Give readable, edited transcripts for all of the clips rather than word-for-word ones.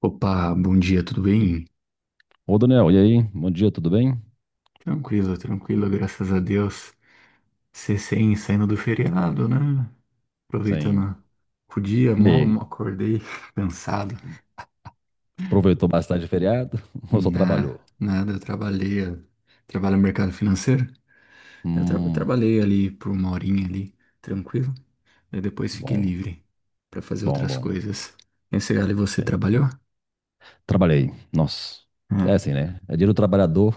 Opa, bom dia, tudo bem? Ô, Daniel, e aí? Bom dia, tudo bem? Tranquilo, tranquilo, graças a Deus. Recém saindo do feriado, né? Sim. Aproveitando o dia, E mal, aí? mal acordei, cansado. Aproveitou bastante o feriado ou só Na, trabalhou? nada, eu trabalho no mercado financeiro. Eu Hum, trabalhei ali por uma horinha ali, tranquilo. Daí depois fiquei bom, livre para fazer bom, outras bom. coisas. Esse galho, você É. trabalhou? Trabalhei. Nossa, é É. assim, né? É dia do trabalhador,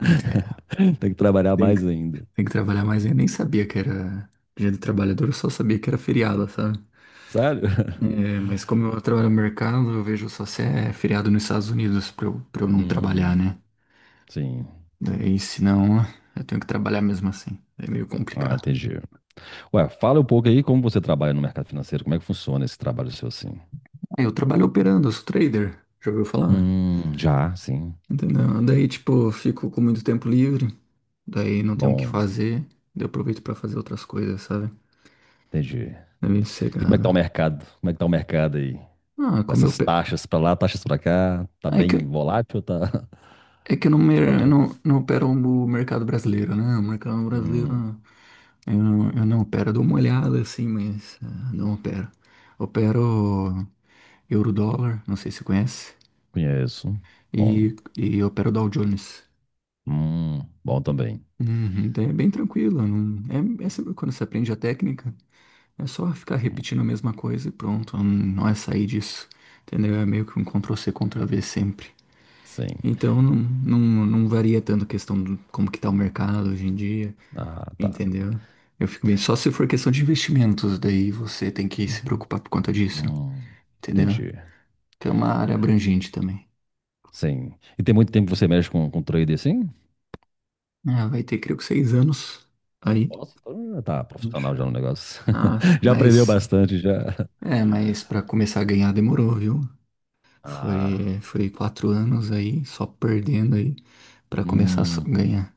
É. tem que trabalhar Tem mais que, ainda. tem que trabalhar mais. Eu nem sabia que era Dia do Trabalhador, eu só sabia que era feriado, sabe? Sério? É, mas como eu trabalho no mercado, eu vejo só se é feriado nos Estados Unidos pra eu não trabalhar, Hum, né? sim. Daí, se não, eu tenho que trabalhar mesmo assim. É meio Ah, complicado. entendi. Ué, fala um pouco aí como você trabalha no mercado financeiro, como é que funciona esse trabalho seu assim? Aí eu trabalho operando, eu sou trader. Já ouviu falar? Já, sim. Entendeu? Daí, tipo, eu fico com muito tempo livre. Daí não tenho o que Bom, fazer. Daí eu aproveito pra fazer outras coisas, sabe? entendi. É meio E como é que sossegado. tá o mercado? Como é que tá o mercado aí? Ah, Com como eu... essas pe- taxas pra lá, taxas pra cá, tá Ah, É que bem eu volátil, tá, É que eu não, tá mer- tranquilo. não, não opero o mercado brasileiro, né? O mercado brasileiro Hum, eu não opero, eu dou uma olhada assim, mas não opero. Opero euro-dólar, não sei se você conhece, conheço. Bom. e opero Dow Jones. Bom também. Uhum, daí é bem tranquilo, não, é sempre quando você aprende a técnica, é só ficar Hum, repetindo a mesma coisa e pronto, não é sair disso, entendeu? É meio que um Ctrl-C, Ctrl-V sempre. sim. Então não varia tanto a questão de como que tá o mercado hoje em dia. Ah, tá. Entendeu? Eu fico bem. Só se for questão de investimentos, daí você tem que se preocupar por conta disso. Hum, Entendeu? entendi. Que é uma área abrangente também. Sim. E tem muito tempo que você mexe com trade assim? Ah, vai ter, creio que 6 anos aí. Nossa, tá profissional já no negócio. Ah, Já aprendeu mas. bastante, já. É, mas para começar a ganhar demorou, viu? Ah, Foi 4 anos aí, só perdendo aí, para começar a hum, ganhar.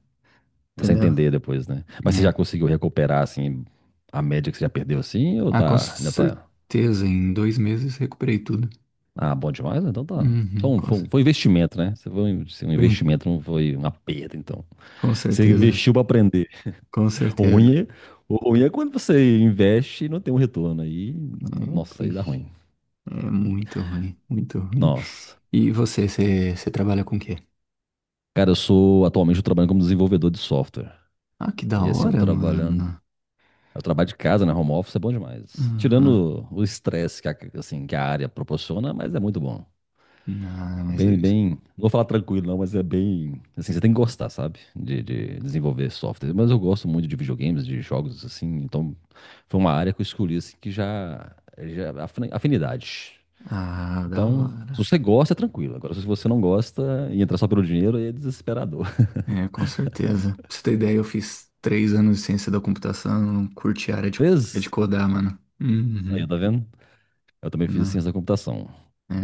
você Entendeu? entender depois, né? Mas você É. já conseguiu recuperar, assim, a média que você já perdeu, assim, ou Ah, com tá, ainda tá. certeza, em 2 meses recuperei tudo. Ah, bom demais, então tá. Foi Uhum. um, foi um- foi um investimento, né? Você foi um, se um Sim, investimento, não foi uma perda, então. com Você certeza. investiu pra aprender. Com O certeza. ruim é, o ruim é quando você investe e não tem um retorno. Aí, É nossa, aí dá triste. ruim. É muito ruim, muito ruim. Nossa. E você trabalha com o quê? Cara, atualmente, eu trabalho como desenvolvedor de software. Ah, que da E assim, eu tô hora, trabalhando, mano. eu trabalho de casa, né? Home office é bom demais. Uhum. Tirando o estresse que a, assim, que a área proporciona, mas é muito bom. Ah, É mas. bem, isso- bem, não vou falar tranquilo não, mas é bem, assim, você tem que gostar, sabe, de desenvolver software. Mas eu gosto muito de videogames, de jogos, assim, então foi uma área que eu escolhi, assim, que já afinidade. Ah, da Então, se hora. você gosta, é tranquilo. Agora, se você não gosta e entrar só pelo dinheiro, aí é desesperador. É, com certeza. Pra você ter ideia, eu fiz 3 anos de ciência da computação, não curti a área de Fez? codar, mano. Uhum. Aí, tá vendo? Eu também fiz Não. ciência da computação. É,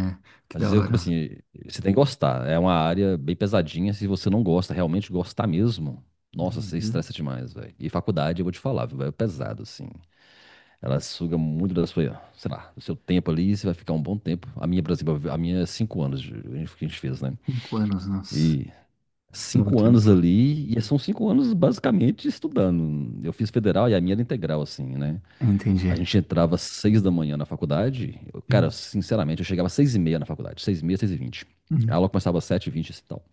que Às da vezes, eu, tipo hora. assim, você tem que gostar. É uma área bem pesadinha. Se você não gosta, realmente gostar mesmo, nossa, você Uhum. estressa demais, velho. E faculdade, eu vou te falar, viu, véio, é pesado, assim. Ela suga muito da sua, sei lá, do seu tempo ali, e você vai ficar um bom tempo. A minha, por exemplo, a minha é 5 anos que a gente fez, né? 5 anos, nossa. E cinco Muito tempo. anos ali, e são 5 anos basicamente estudando. Eu fiz federal e a minha era integral, assim, né? Entendi. A gente entrava às 6 da manhã na faculdade. Cara, Hum, sinceramente, eu chegava às 6h30 na faculdade. 6h30, 6h20. A hum, aula começava às 7h20 e tal.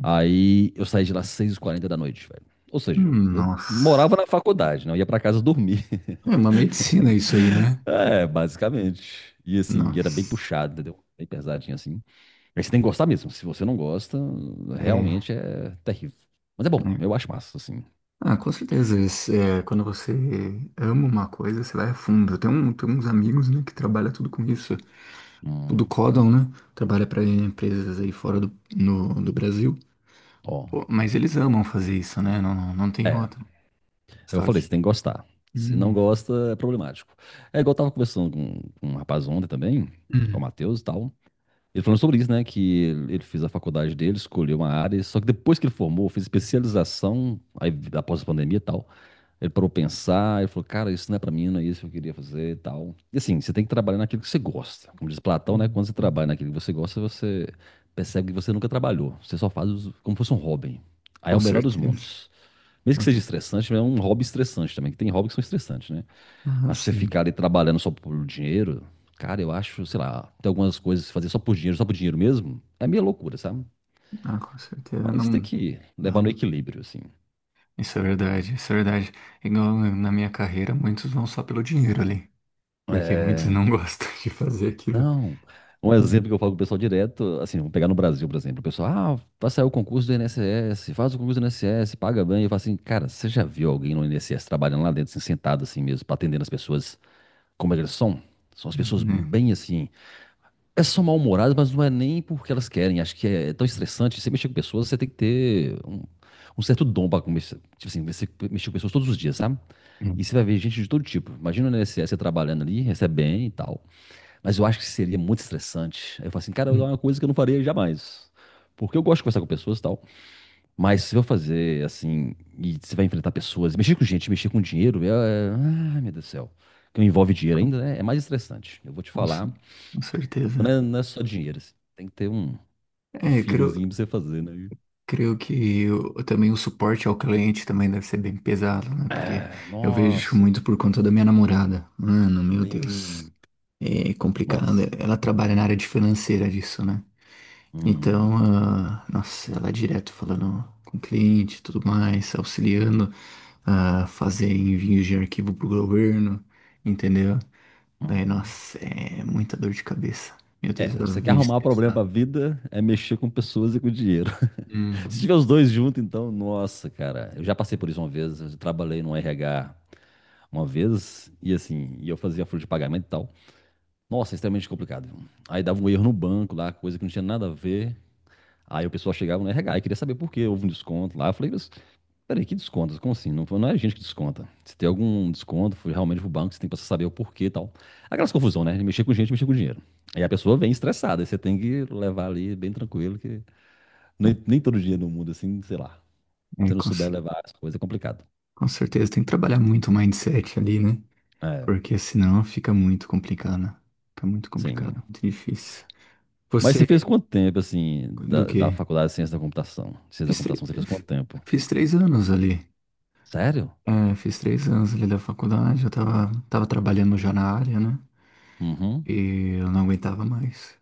Aí eu saí de lá às 6h40 da noite, velho. Ou seja, eu Nossa. morava na faculdade, não ia pra casa dormir. É uma medicina isso aí, né? É, basicamente. E assim, era bem Nossa. puxado, entendeu? Bem pesadinho assim. Mas você tem que gostar mesmo. Se você não gosta, É. realmente é terrível. Mas é bom, É. eu acho massa, assim. Ah, com certeza. Quando você ama uma coisa, você vai a fundo. Eu tenho uns amigos, né, que trabalham tudo com isso. Tudo Hum, do, né? Trabalha para empresas aí fora do, no, do Brasil. ó. Pô, mas eles amam fazer isso, né? Não, não, não tem É. outra. Eu Só falei, que. você tem que gostar. Se não Hum. gosta, é problemático. É igual eu tava conversando com um rapaz ontem também, com o Hum. Matheus e tal. Ele falando sobre isso, né? Que ele fez a faculdade dele, escolheu uma área, só que depois que ele formou, fez especialização, aí após a pandemia e tal, ele parou pra pensar, ele falou, cara, isso não é pra mim, não é isso que eu queria fazer e tal. E assim, você tem que trabalhar naquilo que você gosta. Como diz Platão, né? Hum, Quando você hum. trabalha naquilo que você gosta, você percebe que você nunca trabalhou. Você só faz como se fosse um hobby. Aí é Com o melhor dos certeza. mundos. Mesmo que seja Nossa. estressante, é um hobby estressante também, que tem hobbies que são estressantes, né? Ah, Mas pra você sim. ficar ali trabalhando só por dinheiro, cara, eu acho, sei lá, tem algumas coisas que fazer só por dinheiro mesmo, é meio loucura, sabe? Ah, com certeza. Mas tem Não. que levar no Olha, equilíbrio, assim. isso é verdade, isso é verdade. Igual na minha carreira, muitos vão só pelo dinheiro ali, porque muitos É, não gostam de fazer aquilo. não. Um exemplo que eu falo pro pessoal direto, assim, vamos pegar no Brasil, por exemplo, o pessoal, ah, vai sair o concurso do INSS, faz o concurso do INSS, paga bem. Eu falo assim, cara, você já viu alguém no INSS trabalhando lá dentro, assim, sentado assim mesmo, pra atendendo as pessoas como elas são? São as Uhum, pessoas né? bem assim, elas são mal-humoradas, mas não é nem porque elas querem. Acho que é tão estressante. Você mexer com pessoas, você tem que ter um certo dom para começar. Tipo assim, você mexer com pessoas todos os dias, sabe? Hum. E você vai ver gente de todo tipo. Imagina no INSS você trabalhando ali, recebe bem e tal. Mas eu acho que seria muito estressante. Aí eu falo assim, cara, é Hum. uma coisa que eu não faria jamais. Porque eu gosto de conversar com pessoas e tal. Mas se eu fazer assim, e você vai enfrentar pessoas, mexer com gente, mexer com dinheiro, é. Ai, meu Deus do céu. Que envolve dinheiro ainda, né? É mais estressante. Eu vou te Com, ce- falar. com Não certeza. é, não é só dinheiro, assim. Tem que ter um É, eu creio, feelingzinho pra você fazer, né? E, creio também o suporte ao cliente também deve ser bem pesado, né? Porque ah, eu vejo nossa, muito por conta da minha namorada. Mano, meu Deus. tem. É complicado. Nossa. Ela trabalha na área de financeira disso, né? Então, Hum, nossa, ela é direto falando com o cliente e tudo mais, auxiliando a fazer envios de arquivo pro governo, entendeu? É, uhum. nossa, é muita dor de cabeça. Meu É, Deus, ela você quer vive arrumar problema estressada. pra vida, é mexer com pessoas e com dinheiro. Se Uhum. tiver os dois juntos, então, nossa, cara. Eu já passei por isso uma vez, eu trabalhei no RH uma vez, e assim, e eu fazia folha de pagamento e tal. Nossa, é extremamente complicado. Viu? Aí dava um erro no banco lá, coisa que não tinha nada a ver. Aí o pessoal chegava no RH e queria saber por quê, houve um desconto lá. Eu falei, mas peraí, que desconto? Como assim? Não, não é a gente que desconta. Se tem algum desconto, foi realmente pro banco, você tem que saber o porquê e tal. Aquelas confusão, né? De mexer com gente, mexer com dinheiro. Aí a pessoa vem estressada, aí você tem que levar ali bem tranquilo, que nem, nem todo dia no mundo, assim, sei lá. Se É, você não com, souber cer- levar as coisas, é complicado. com certeza tem que trabalhar muito o mindset ali, né? É, Porque senão fica muito complicado, né? Fica muito sim. complicado, muito difícil. Mas você Você, fez quanto tempo, assim, do da, quê? da faculdade de Ciência da Computação? Ciência da Fiz, tre- Computação, você fez f- quanto tempo? fiz 3 anos ali. Sério? É, fiz 3 anos ali da faculdade, eu tava trabalhando já na área, né? Uhum. E eu não aguentava mais.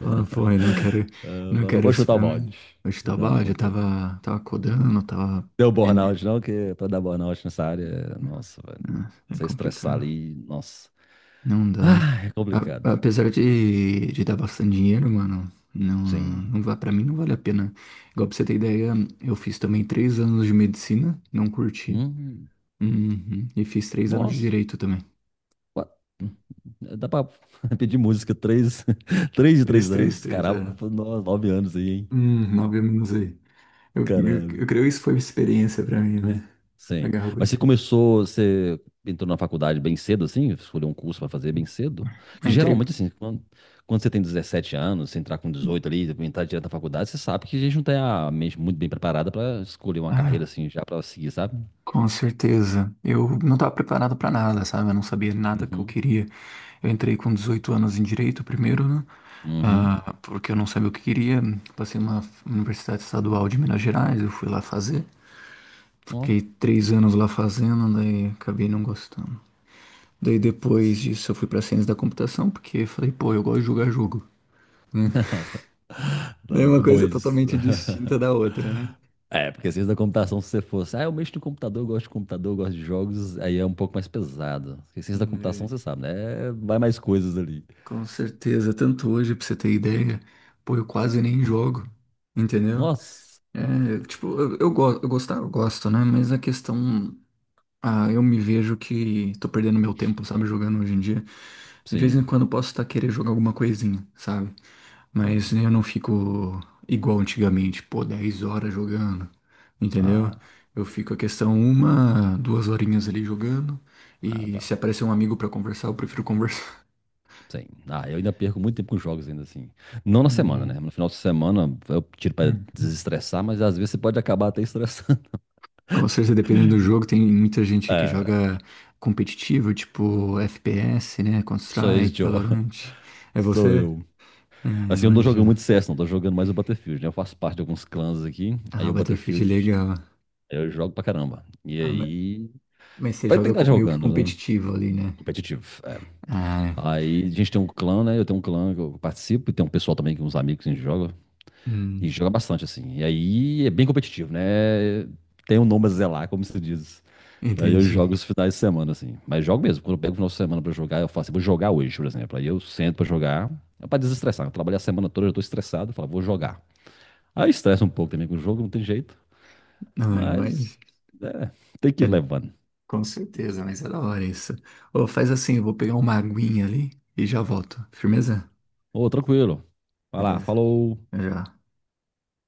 Ah, pô, eu não quero, Ah, não vai lá, quero vou isso chutar o pra mim. balde. Eu Não, estava, já tava codando, tava. deu burnout, não, que pra dar burnout nessa área, nossa, velho. Nossa, é Você estressar complicado. ali, nossa. Não dá. Ah, é A- complicado. apesar de dar bastante dinheiro, mano, não, Sim. não vai, pra mim não vale a pena. Igual pra você ter ideia, eu fiz também 3 anos de medicina, não curti. Hum, Uhum. E fiz 3 anos de nossa. direito também. Qua- Dá pra pedir música três, três de Três, três três, anos. três, Caramba, é. 9 anos aí, hein? 9 anos aí. Eu, eu, Caralho. eu creio que isso foi uma experiência pra mim, né? Sim. Agarrou com Mas você isso. começou, você entrou na faculdade bem cedo, assim? Escolheu um curso para fazer bem cedo? Que Entrei. geralmente, assim, quando você tem 17 anos, você entrar com 18 ali, entrar direto na faculdade, você sabe que a gente não tem a mente muito bem preparada para escolher uma carreira, assim, já para seguir, sabe? Com certeza. Eu não estava preparado para nada, sabe? Eu não sabia nada que eu Uhum. queria. Eu entrei com 18 anos em direito primeiro, né? Uhum. Ah, porque eu não sabia o que queria. Passei numa universidade estadual de Minas Gerais, eu fui lá fazer. Fiquei Ó. 3 anos lá fazendo, daí acabei não gostando. Daí depois disso eu fui para ciência da computação, porque falei, pô, eu gosto de jogar jogo, né? Daí Dá é uma coisa dois. totalmente distinta da outra, né? É, porque ciência da computação, se você fosse, ah, eu mexo no computador, eu gosto de computador, eu gosto de jogos, aí é um pouco mais pesado. Porque ciência da computação, você sabe, né? Vai mais coisas ali. Com certeza, tanto hoje, pra você ter ideia, pô, eu quase nem jogo, entendeu? Nossa, É, tipo, eu, go- eu gostar, eu gosto, né? Mas a questão, eu me vejo que tô perdendo meu tempo, sabe, jogando hoje em dia. De vez em sim. quando eu posso estar querendo jogar alguma coisinha, sabe? Mas Sim. eu não fico igual antigamente, pô, 10 horas jogando, entendeu? Ah, Eu fico a questão uma, duas horinhas ali jogando, ah, e tá. se aparecer um amigo pra conversar, eu prefiro conversar. Sim. Ah, eu ainda perco muito tempo com jogos ainda assim. Não na semana, né? Hum. No final de semana eu tiro pra desestressar, mas às vezes você pode acabar até estressando. Com certeza, dependendo do jogo, tem muita gente que É, joga competitivo, tipo FPS, né? sou esse Counter-Strike, Joe. Valorant. É Sou você? eu. É, Assim, eu não tô jogando imagina. muito CS, não. Tô jogando mais o Battlefield, né? Eu faço parte de alguns clãs aqui. Aí Ah, o Battlefield é Battlefield legal. eu jogo pra caramba. E Ah, ma- aí. mas você Tem joga que estar meio que jogando, né? competitivo ali, né? Competitivo. É. Ah, é. Aí a gente tem um clã, né? Eu tenho um clã que eu participo e tem um pessoal também, que uns amigos que a gente joga. E hum, joga bastante, assim. E aí é bem competitivo, né? Tem um nome a zelar, como se diz. E aí eu Entendi. jogo os finais de semana, assim. Mas jogo mesmo. Quando eu pego o final de semana pra jogar, eu falo assim, vou jogar hoje, por exemplo. Aí eu sento pra jogar, é pra desestressar. Eu trabalhei a semana toda, eu tô estressado, eu falo, vou jogar. Aí estressa um pouco também com o jogo, não tem jeito. Ah, imagina. Mas, é, tem que É, ir levando. com certeza, mas é da hora isso. Ô, faz assim, eu vou pegar uma aguinha ali e já volto. Firmeza? Ô, tranquilo. Vai lá, Beleza. falou. Já.